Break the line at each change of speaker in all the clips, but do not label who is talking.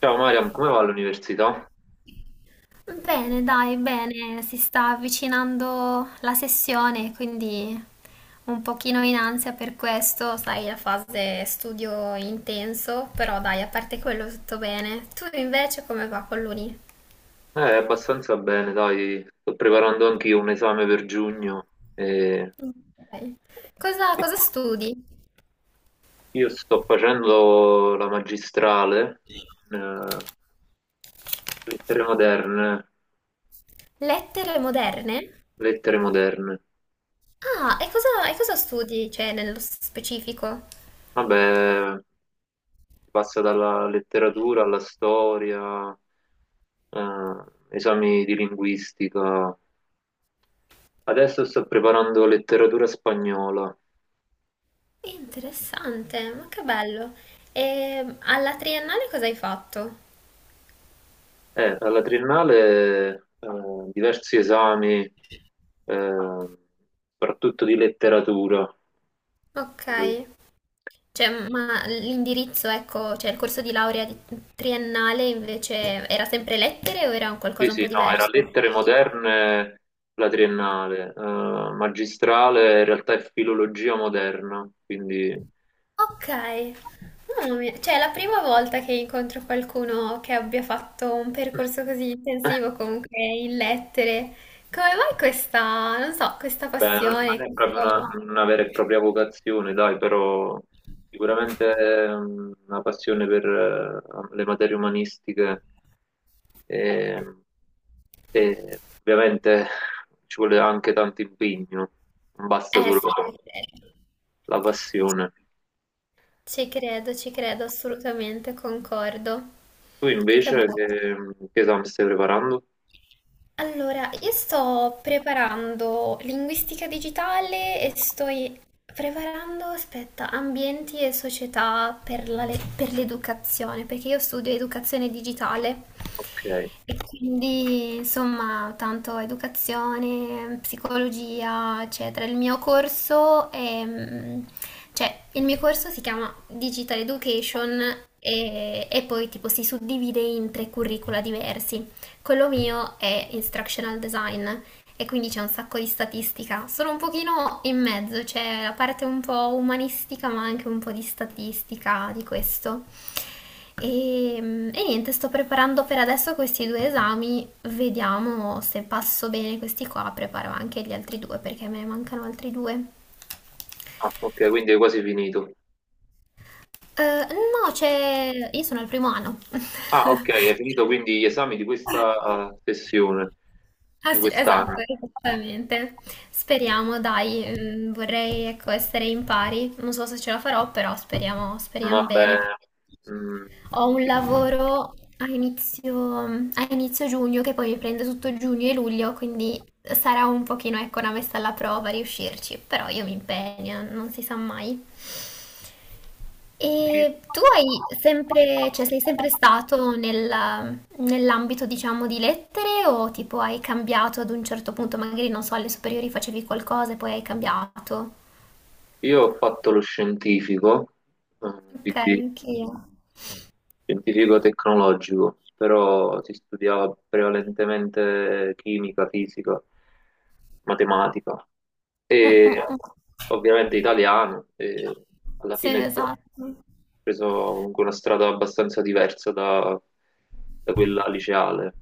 Ciao Mariam, come va l'università?
Bene, dai, bene, si sta avvicinando la sessione, quindi un pochino in ansia per questo, sai, la fase studio intenso, però dai, a parte quello tutto bene. Tu invece come va con l'uni?
Abbastanza bene, dai, sto preparando anch'io un esame per giugno. e
Ok. Cosa studi?
Io sto facendo la magistrale, eh, lettere moderne,
Lettere moderne?
lettere moderne.
Ah, e cosa studi, cioè, nello specifico?
Vabbè, si passa dalla letteratura alla storia, eh, esami di linguistica. Adesso sto preparando letteratura spagnola.
Interessante, ma che bello. E alla triennale cosa hai fatto?
Alla triennale diversi esami, eh, soprattutto di letteratura. Eh,
Ok. Cioè, ma l'indirizzo, ecco, cioè il corso di laurea triennale invece era sempre lettere o era un
Sì,
qualcosa un
sì,
po'
no, era
diverso?
lettere moderne la triennale, magistrale in realtà è filologia moderna, quindi
Ok, mamma mia, cioè è la prima volta che incontro qualcuno che abbia fatto un percorso così intensivo comunque in lettere. Come mai questa, non so, questa
beh, non
passione?
è proprio una,
Questo-
una vera e propria vocazione, dai, però sicuramente è una passione per le materie umanistiche. e E ovviamente ci vuole anche tanto impegno, non basta
Eh
solo
sì, ci credo,
la passione.
ci credo, ci credo, assolutamente concordo.
Tu
Che
invece
bello.
che esame stai preparando?
Allora, io sto preparando linguistica digitale e sto preparando, aspetta, ambienti e società per la per l'educazione, perché io studio educazione digitale
Ok.
e quindi insomma tanto educazione, psicologia, eccetera. Il mio corso è, cioè, il mio corso si chiama Digital Education e poi tipo si suddivide in tre curricula diversi. Quello mio è instructional design e quindi c'è un sacco di statistica. Sono un pochino in mezzo, c'è la parte un po' umanistica ma anche un po' di statistica di questo. E niente, sto preparando per adesso questi due esami, vediamo se passo bene questi qua, preparo anche gli altri due perché me ne mancano altri due.
Ah, ok, quindi hai quasi finito.
No, c'è... io sono al primo anno.
Ah, ok, hai finito quindi gli esami di questa sessione,
Ah
di
sì, esatto,
quest'anno.
esattamente. Speriamo, dai, vorrei ecco, essere in pari. Non so se ce la farò, però speriamo, speriamo
Vabbè,
bene.
mm,
Ho un lavoro a inizio giugno che poi mi prende tutto giugno e luglio, quindi sarà un pochino, ecco, una messa alla prova riuscirci, però io mi impegno, non si sa mai. E tu hai sempre, cioè sei sempre stato nell'ambito, diciamo, di lettere o tipo hai cambiato ad un certo punto, magari non so, alle superiori facevi qualcosa e poi hai cambiato?
io ho fatto lo scientifico,
Ok,
quindi
anch'io.
scientifico tecnologico, però si studiava prevalentemente chimica, fisica, matematica
Mm,
e
mm, mm.
ovviamente italiano e alla
Sì,
fine sì, ho
esatto. Mm,
preso comunque una strada abbastanza diversa da quella liceale.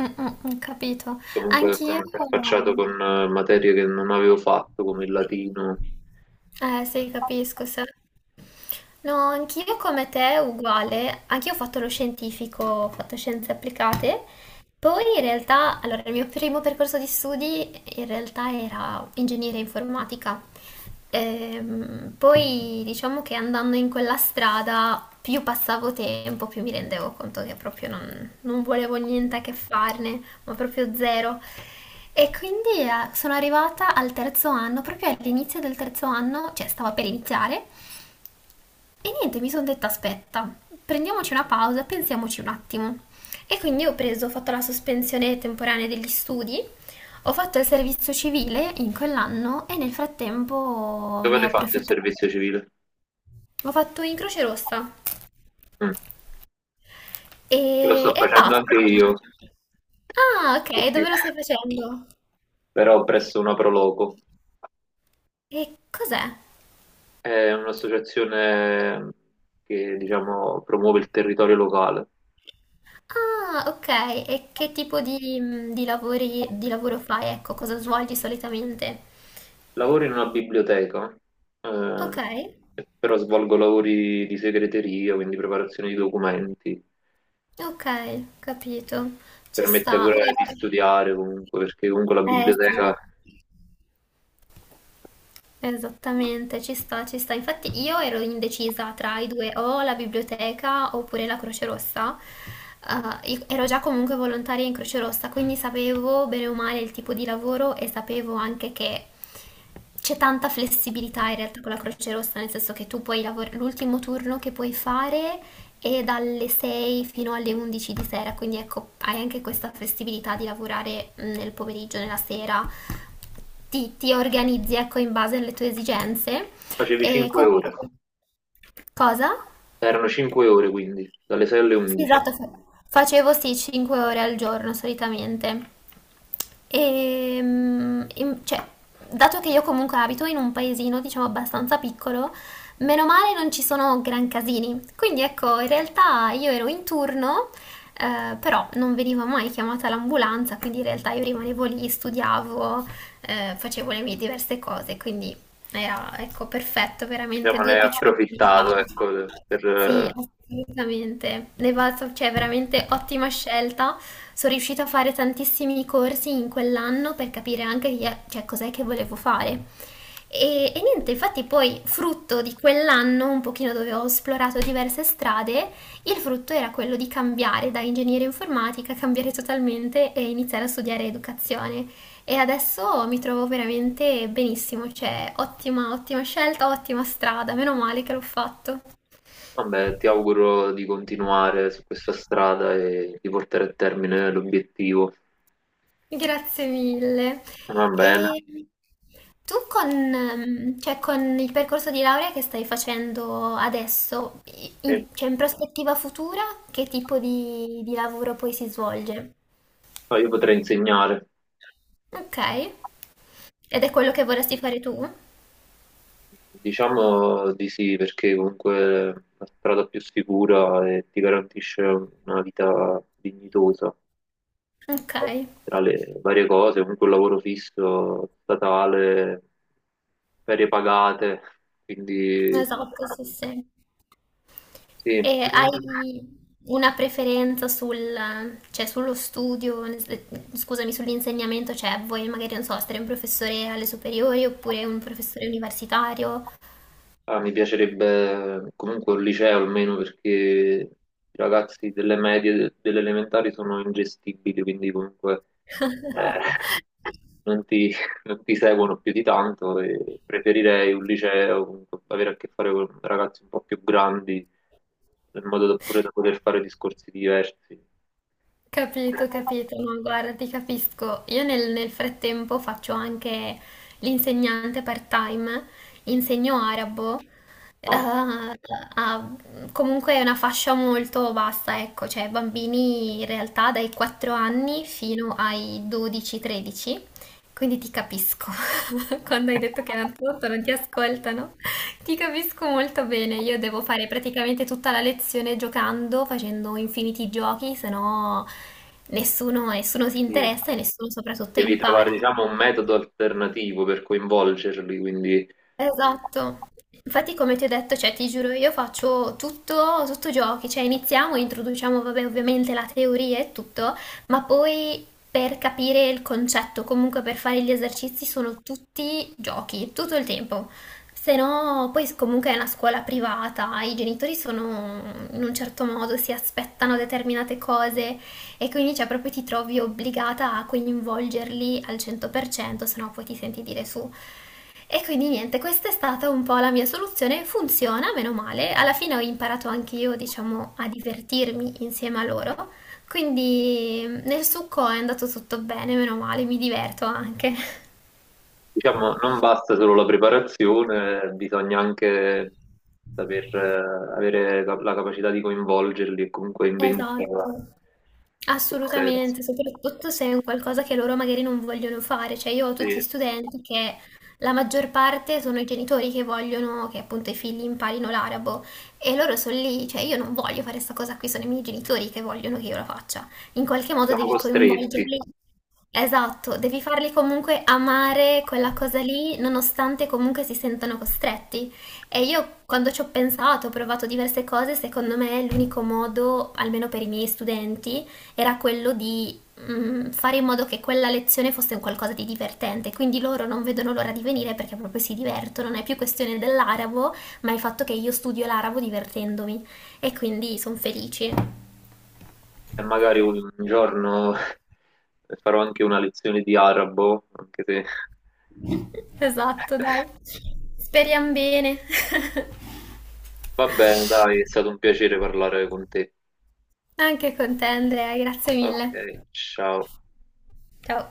mm, mm, capito.
Comunque mi
Anch'io,
sono interfacciato con materie che non avevo fatto, come il latino.
eh sì, capisco. Sì. No, anch'io come te, uguale. Anch'io ho fatto lo scientifico, ho fatto scienze applicate. Poi in realtà, allora, il mio primo percorso di studi in realtà era ingegneria informatica. Poi diciamo che andando in quella strada, più passavo tempo, più mi rendevo conto che proprio non volevo niente a che farne, ma proprio zero. E quindi sono arrivata al terzo anno, proprio all'inizio del terzo anno, cioè stava per iniziare. E niente, mi sono detta aspetta, prendiamoci una pausa, pensiamoci un attimo. E quindi ho preso, ho fatto la sospensione temporanea degli studi, ho fatto il servizio civile in quell'anno e nel frattempo
Dove
ne
l'hai
ho
fatto il
approfittato.
servizio civile?
Ho fatto in Croce Rossa
Mm. Lo sto
e
facendo
basta.
anche io.
Ah, ok,
Sì.
dove lo stai facendo?
Però presso una proloco.
E cos'è?
È un'associazione che, diciamo, promuove il territorio locale.
Ah, ok, e che tipo di lavori, di lavoro fai? Ecco, cosa svolgi solitamente?
Lavoro in una biblioteca,
Ok.
eh, però svolgo lavori di segreteria, quindi preparazione di documenti.
Ok, capito. Ci
Permette
sta.
pure di
Guarda-
studiare comunque, perché comunque la
Eh sì,
biblioteca
esattamente, ci sta, ci sta. Infatti io ero indecisa tra i due, o la biblioteca oppure la Croce Rossa. Io ero già comunque volontaria in Croce Rossa, quindi sapevo bene o male il tipo di lavoro e sapevo anche che c'è tanta flessibilità in realtà con la Croce Rossa, nel senso che tu puoi lavorare l'ultimo turno che puoi fare e dalle 6 fino alle 11 di sera, quindi ecco, hai anche questa flessibilità di lavorare nel pomeriggio, nella sera, ti organizzi ecco in base alle tue esigenze
facevi
e
5 ore.
comunque cosa?
Erano 5 ore quindi, dalle 6 alle
Sì,
11.
esatto, facevo sì 5 ore al giorno solitamente. E, mm, cioè, dato che io comunque abito in un paesino, diciamo, abbastanza piccolo, meno male non ci sono gran casini. Quindi ecco, in realtà io ero in turno, però non veniva mai chiamata l'ambulanza, quindi in realtà io rimanevo lì, studiavo, facevo le mie diverse cose, quindi era, ecco, perfetto, veramente
Diciamo, ne
due
hai
piccioni in una
approfittato,
panna.
ecco, per...
Sì, assolutamente. Le Valsov, cioè, veramente ottima scelta. Sono riuscita a fare tantissimi corsi in quell'anno per capire anche cioè, cos'è che volevo fare. E niente, infatti poi frutto di quell'anno, un pochino dove ho esplorato diverse strade, il frutto era quello di cambiare da ingegneria informatica, cambiare totalmente e iniziare a studiare educazione. E adesso mi trovo veramente benissimo, cioè ottima, ottima scelta, ottima strada, meno male che l'ho fatto.
vabbè, ti auguro di continuare su questa strada e di portare a termine l'obiettivo.
Grazie mille.
Va bene,
E tu con, cioè con il percorso di laurea che stai facendo adesso,
sì.
in, cioè in prospettiva futura, che tipo di lavoro poi si svolge?
No, io potrei insegnare,
Ok. Ed è quello che vorresti fare tu?
diciamo di sì, perché comunque è la strada più sicura e ti garantisce una vita dignitosa
Ok,
tra le varie cose, comunque un lavoro fisso, statale, ferie pagate, quindi
esatto, sì, sì.
sì.
E hai una preferenza sul, cioè sullo studio, scusami, sull'insegnamento, cioè vuoi magari, non so, essere un professore alle superiori oppure un professore universitario?
Ah, mi piacerebbe comunque un liceo almeno perché i ragazzi delle medie, de- delle elementari sono ingestibili, quindi comunque eh, non ti, non ti seguono più di tanto e preferirei un liceo, comunque, avere a che fare con ragazzi un po' più grandi, in modo da, pure da poter fare discorsi diversi.
Capito, capito, no, guarda, ti capisco. Io nel frattempo faccio anche l'insegnante part-time, insegno arabo, eh,
No,
a- comunque è una fascia molto vasta, ecco, cioè bambini in realtà dai 4 anni fino ai 12-13, quindi ti capisco quando hai detto che non ti ascoltano. Ti capisco molto bene, io devo fare praticamente tutta la lezione giocando, facendo infiniti giochi, se no nessuno, nessuno si
sì.
interessa e nessuno soprattutto
Devi trovare,
impara.
diciamo, un metodo alternativo per coinvolgerli, quindi
Esatto. Infatti, come ti ho detto, cioè, ti giuro, io faccio tutto, tutto giochi, cioè iniziamo, introduciamo, vabbè, ovviamente la teoria e tutto, ma poi per capire il concetto, comunque per fare gli esercizi sono tutti giochi, tutto il tempo. Se no, poi comunque è una scuola privata, i genitori sono in un certo modo, si aspettano determinate cose, e quindi cioè proprio ti trovi obbligata a coinvolgerli al 100%, se no poi ti senti dire su. E quindi niente, questa è stata un po' la mia soluzione, funziona, meno male. Alla fine ho imparato anche io, diciamo, a divertirmi insieme a loro. Quindi nel succo è andato tutto bene, meno male, mi diverto anche.
diciamo, non basta solo la preparazione, bisogna anche saper avere la capacità di coinvolgerli e comunque inventiva
Esatto.
in quel senso.
Assolutamente, soprattutto se è un qualcosa che loro magari non vogliono fare, cioè io ho tutti
Sì,
studenti che la maggior parte sono i genitori che vogliono che appunto i figli imparino l'arabo e loro sono lì, cioè io non voglio fare questa cosa qui, sono i miei genitori che vogliono che io la faccia, in qualche modo
siamo
devi
costretti
coinvolgerli, esatto, devi farli comunque amare quella cosa lì nonostante comunque si sentano costretti. E io quando ci ho pensato, ho provato diverse cose, secondo me l'unico modo, almeno per i miei studenti, era quello di fare in modo che quella lezione fosse un qualcosa di divertente, quindi loro non vedono l'ora di venire perché proprio si divertono, non è più questione dell'arabo, ma il fatto che io studio l'arabo divertendomi e quindi sono felici.
e magari un giorno farò anche una lezione di arabo, anche se...
Esatto, dai. Speriamo bene.
Va bene, dai, è stato un piacere parlare con te.
Anche con te Andrea, grazie
Ok,
mille.
ciao.
Ciao.